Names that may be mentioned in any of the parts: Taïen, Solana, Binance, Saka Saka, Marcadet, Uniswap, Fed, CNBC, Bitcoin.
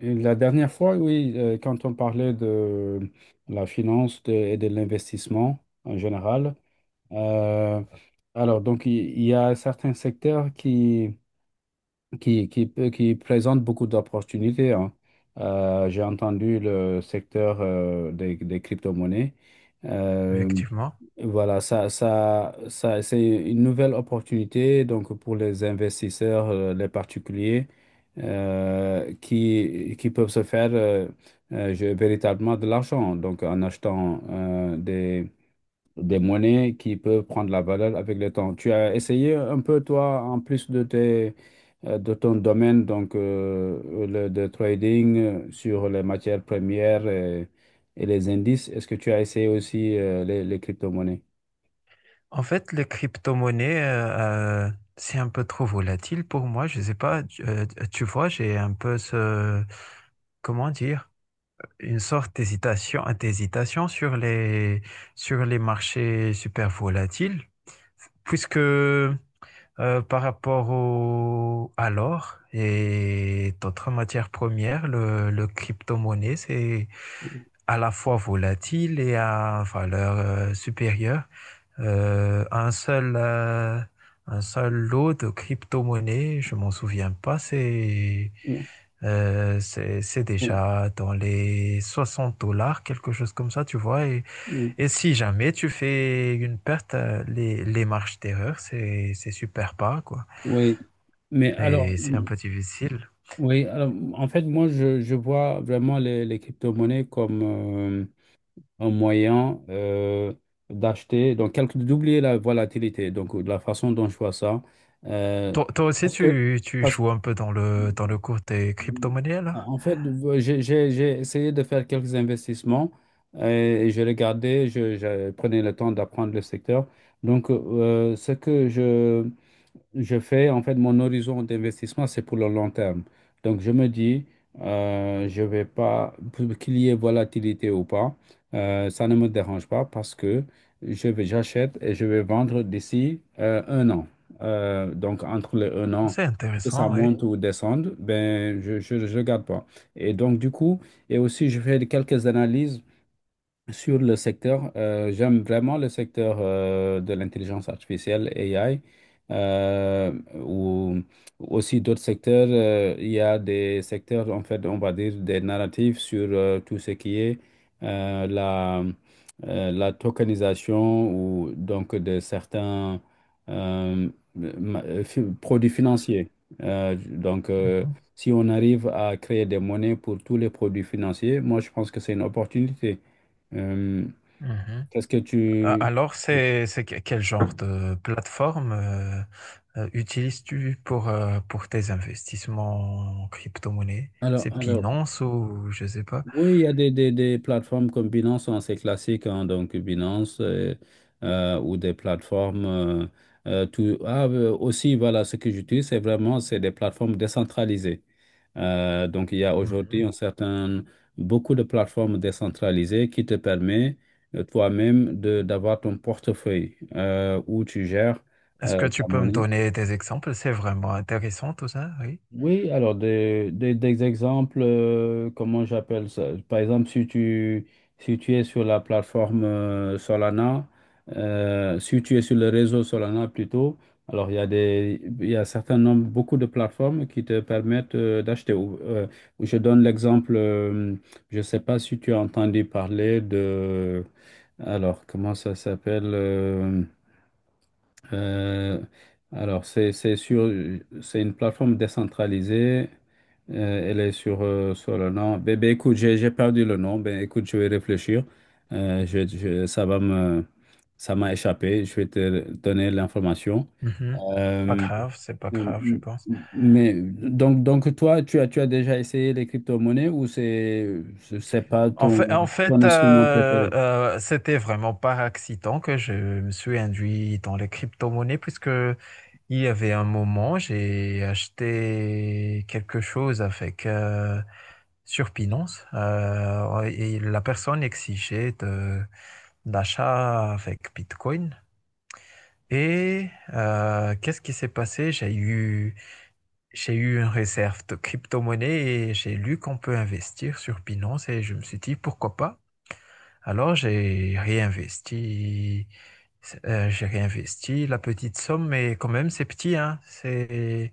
La dernière fois, oui, quand on parlait de la finance et de l'investissement en général, euh, alors donc il y a certains secteurs qui qui présentent beaucoup d'opportunités, hein. J'ai entendu le secteur des crypto-monnaies. Euh, Effectivement. voilà, ça c'est une nouvelle opportunité donc pour les investisseurs, les particuliers qui peuvent se faire véritablement de l'argent, donc en achetant des monnaies qui peuvent prendre la valeur avec le temps. Tu as essayé un peu, toi, en plus de tes de ton domaine, donc de trading sur les matières premières et les indices. Est-ce que tu as essayé aussi les crypto-monnaies? En fait, les crypto-monnaies, c'est un peu trop volatile pour moi. Je sais pas, tu vois, j'ai un peu ce, comment dire, une sorte d'hésitation, d'hésitation sur les marchés super volatiles, puisque par rapport au, à l'or et d'autres matières premières, le crypto-monnaie, c'est à la fois volatile et à valeur supérieure. Un seul, un seul lot de crypto-monnaie, je m'en souviens pas, c'est Oui, c'est oui, déjà dans les 60 dollars, quelque chose comme ça, tu vois. Et si jamais tu fais une perte, les marges d'erreur, c'est super pas, quoi. oui. Mais alors, Et c'est un peu difficile. oui, alors, en fait, moi, je vois vraiment les crypto-monnaies comme un moyen d'acheter, donc d'oublier la volatilité, donc de la façon dont je vois ça. Euh, Toi, toi aussi, parce que, tu Parce que, joues un peu dans le cours des crypto-monnaies, là? en fait, j'ai essayé de faire quelques investissements, euh, et je regardais, je prenais le temps d'apprendre le secteur. Donc, ce que je fais, en fait, mon horizon d'investissement, c'est pour le long terme. Donc je me dis, je vais pas, pour qu'il y ait volatilité ou pas, ça ne me dérange pas parce que j'achète et je vais vendre d'ici un an. Donc entre les un an, C'est que ça intéressant, oui. monte ou descende, ben je garde pas. Et donc du coup, et aussi je fais quelques analyses sur le secteur. J'aime vraiment le secteur de l'intelligence artificielle, AI, ou aussi d'autres secteurs. Il y a des secteurs, en fait, on va dire des narratifs sur tout ce qui est euh, la, la tokenisation ou donc de certains euh, produits financiers. Euh, donc, euh, Mhm, Si on arrive à créer des monnaies pour tous les produits financiers, moi, je pense que c'est une opportunité. euh, mhm. Qu'est-ce que tu... Alors, quel genre de plateforme utilises-tu pour tes investissements en crypto-monnaie? C'est alors, Binance ou je sais pas. oui, il y a des plateformes comme Binance, hein, c'est classique, hein, donc Binance, ou des plateformes... Ah, aussi, voilà, ce que j'utilise, c'est vraiment, c'est des plateformes décentralisées. Donc, il y a aujourd'hui Mhm. Beaucoup de plateformes décentralisées qui te permet toi-même de d'avoir ton portefeuille où tu gères Est-ce que tu ta peux me monnaie. donner des exemples? C'est vraiment intéressant tout ça, oui. Oui, alors des exemples, comment j'appelle ça? Par exemple, si tu es sur la plateforme Solana, si tu es sur le réseau Solana plutôt, alors il y a il y a un certain nombre, beaucoup de plateformes qui te permettent d'acheter. Ou, je donne l'exemple, je ne sais pas si tu as entendu parler de, alors comment ça s'appelle? Euh, c'est sur, c'est une plateforme décentralisée. Elle est sur, sur le nom. Ben, ben, écoute, j'ai perdu le nom. Ben, écoute, je vais réfléchir. Ça va me, ça m'a échappé. Je vais te donner l'information. Mhm. Pas Euh, grave, c'est pas grave, je pense. mais donc toi, tu as déjà essayé les crypto-monnaies ou c'est pas En fait, ton, en ton fait instrument préféré? C'était vraiment par accident que je me suis induit dans les crypto-monnaies puisque il y avait un moment, j'ai acheté quelque chose avec sur Binance et la personne exigeait d'achat avec Bitcoin. Et qu'est-ce qui s'est passé? J'ai eu une réserve de crypto-monnaie et j'ai lu qu'on peut investir sur Binance et je me suis dit pourquoi pas. Alors, j'ai réinvesti la petite somme, mais quand même, c'est petit, hein. C'est,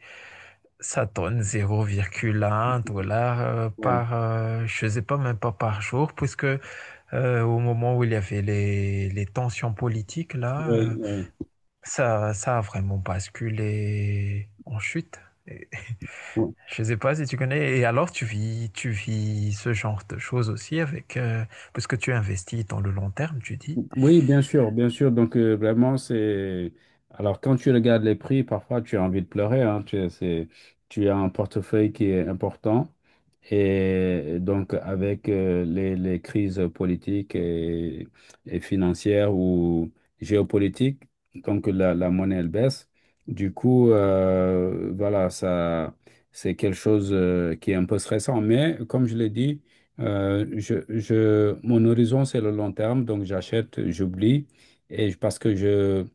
ça donne 0,1 dollar Oui, par, je sais pas, même pas par jour, puisque au moment où il y avait les tensions politiques, là, oui, ça, ça a vraiment basculé en chute. Et- oui. Je sais pas si tu connais. Et alors, tu vis ce genre de choses aussi avec, parce que tu investis dans le long terme, tu dis. Oui, bien sûr, bien sûr. Donc, vraiment, c'est... Alors, quand tu regardes les prix, parfois, tu as envie de pleurer, hein. Tu, c'est... tu as un portefeuille qui est important. Et donc, avec les crises politiques et financières ou géopolitiques, comme que la monnaie, elle baisse, du coup, voilà, ça, c'est quelque chose qui est un peu stressant. Mais comme je l'ai dit, mon horizon, c'est le long terme. Donc, j'achète, j'oublie. Parce que je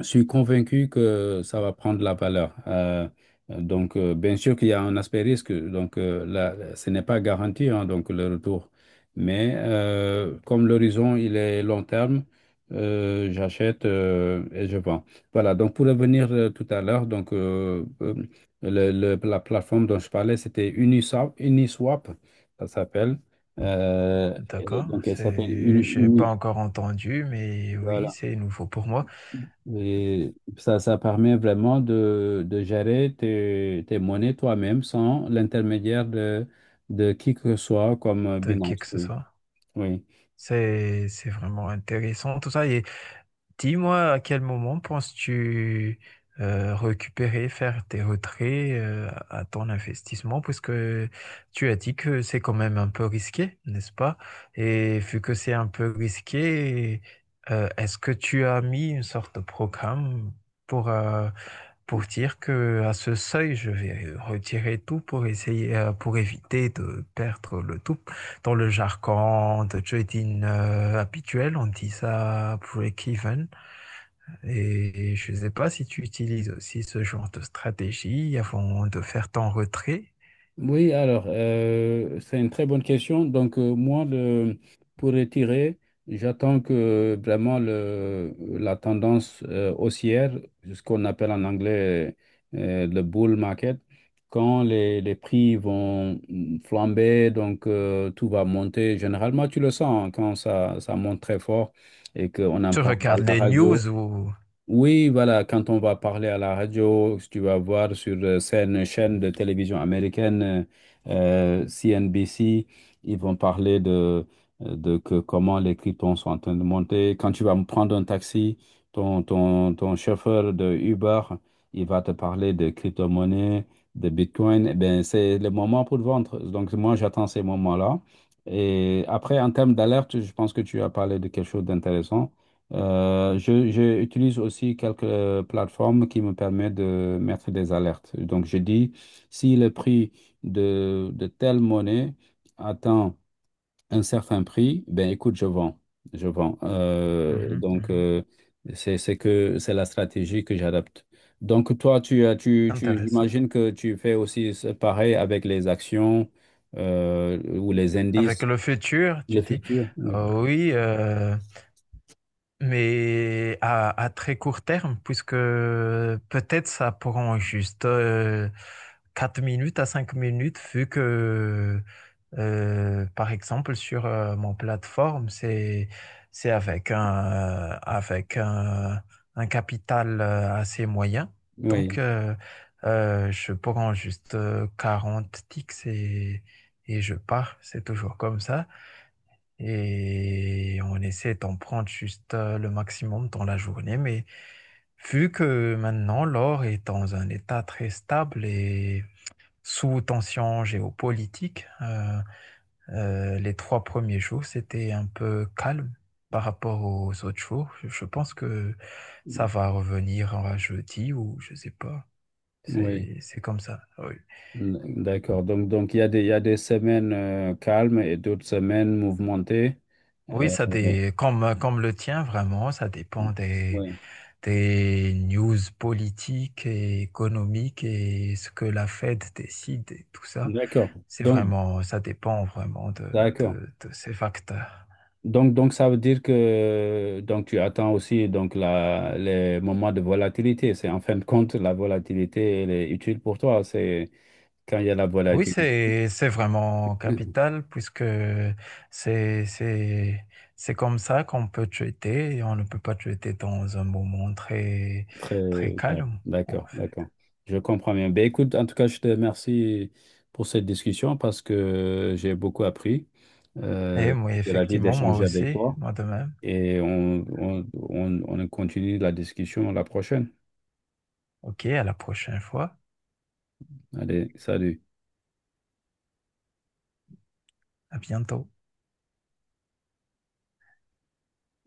je suis convaincu que ça va prendre la valeur. Bien sûr qu'il y a un aspect risque. Donc, là, ce n'est pas garanti, hein, donc le retour. Mais comme l'horizon, il est long terme, j'achète et je vends. Voilà. Donc, pour revenir tout à l'heure, la plateforme dont je parlais, c'était Uniswap, Uniswap, ça s'appelle. Et D'accord, donc, elle s'appelle c'est, j'ai pas Uniswap. encore entendu, mais oui, c'est nouveau pour moi, Et ça permet vraiment de gérer tes monnaies toi-même sans l'intermédiaire de qui que ce soit comme de qui que Binance. ce Oui, soit. oui. C'est vraiment intéressant tout ça. Et, dis-moi à quel moment penses-tu récupérer, faire tes retraits à ton investissement, puisque tu as dit que c'est quand même un peu risqué, n'est-ce pas? Et vu que c'est un peu risqué, est-ce que tu as mis une sorte de programme pour, euh, pour dire que à ce seuil, je vais retirer tout pour essayer, pour éviter de perdre le tout. Dans le jargon de trading habituel, on dit ça break-even. Et je ne sais pas si tu utilises aussi ce genre de stratégie avant de faire ton retrait. Oui, alors, c'est une très bonne question. Donc, moi, pour retirer, j'attends que vraiment la tendance haussière, ce qu'on appelle en anglais le bull market, quand les prix vont mm, flamber, donc tout va monter. Généralement, tu le sens, hein, quand ça monte très fort et qu'on en Tu parle à regardes la les radio. news ou... Oui, voilà, quand on va parler à la radio, si tu vas voir sur certaines chaînes de télévision américaine, CNBC, ils vont parler de que comment les cryptons sont en train de monter. Quand tu vas prendre un taxi, ton chauffeur de Uber, il va te parler de crypto-monnaie, de Bitcoin. Eh bien, c'est le moment pour vendre. Donc, moi, j'attends ces moments-là. Et après, en termes d'alerte, je pense que tu as parlé de quelque chose d'intéressant. Je utilise aussi quelques plateformes qui me permettent de mettre des alertes. Donc, je dis, si le prix de telle monnaie atteint un certain prix, ben écoute, je vends. Je vends. Mhm, mhm. C'est que, c'est la stratégie que j'adopte. Donc, toi, tu, as- tu, Intéressant. j'imagine que tu fais aussi pareil avec les actions ou les Avec indices, le futur, le tu dis, futur. Oui, oui, mais à très court terme, puisque peut-être ça prend juste 4 minutes à 5 minutes, vu que, par exemple, sur mon plateforme, c'est avec un capital assez moyen. Donc, oui, je prends juste 40 ticks et je pars. C'est toujours comme ça et on essaie d'en prendre juste le maximum dans la journée. Mais vu que maintenant l'or est dans un état très stable et sous tension géopolitique, les 3 premiers jours, c'était un peu calme par rapport aux autres jours. Je pense que ça va revenir à jeudi ou je sais pas. oui. C'est comme ça. Oui. D'accord. Donc il y a il y a des semaines calmes et d'autres semaines mouvementées. Oui, Euh, ça dé... comme, comme le tien, vraiment, ça dépend ouais. des news politiques et économiques et ce que la Fed décide et tout ça. D'accord. C'est Donc, vraiment, ça dépend vraiment d'accord. De ces facteurs. Donc, ça veut dire que donc, tu attends aussi donc, les moments de volatilité. C'est en fin de compte, la volatilité, elle est utile pour toi. C'est quand il y a la Oui, volatilité. C'est vraiment capital puisque c'est, c'est, c'est comme ça qu'on peut traiter et on ne peut pas traiter dans un moment très, très Très bien. calme, en D'accord, d'accord. fait. Je comprends bien. Ben, écoute, en tout cas, je te remercie pour cette discussion parce que j'ai beaucoup appris. Et Euh, moi, j'ai la vie effectivement, moi d'échanger avec aussi, toi moi de même. et on continue la discussion la prochaine. Ok, à la prochaine fois. Allez, salut. À bientôt.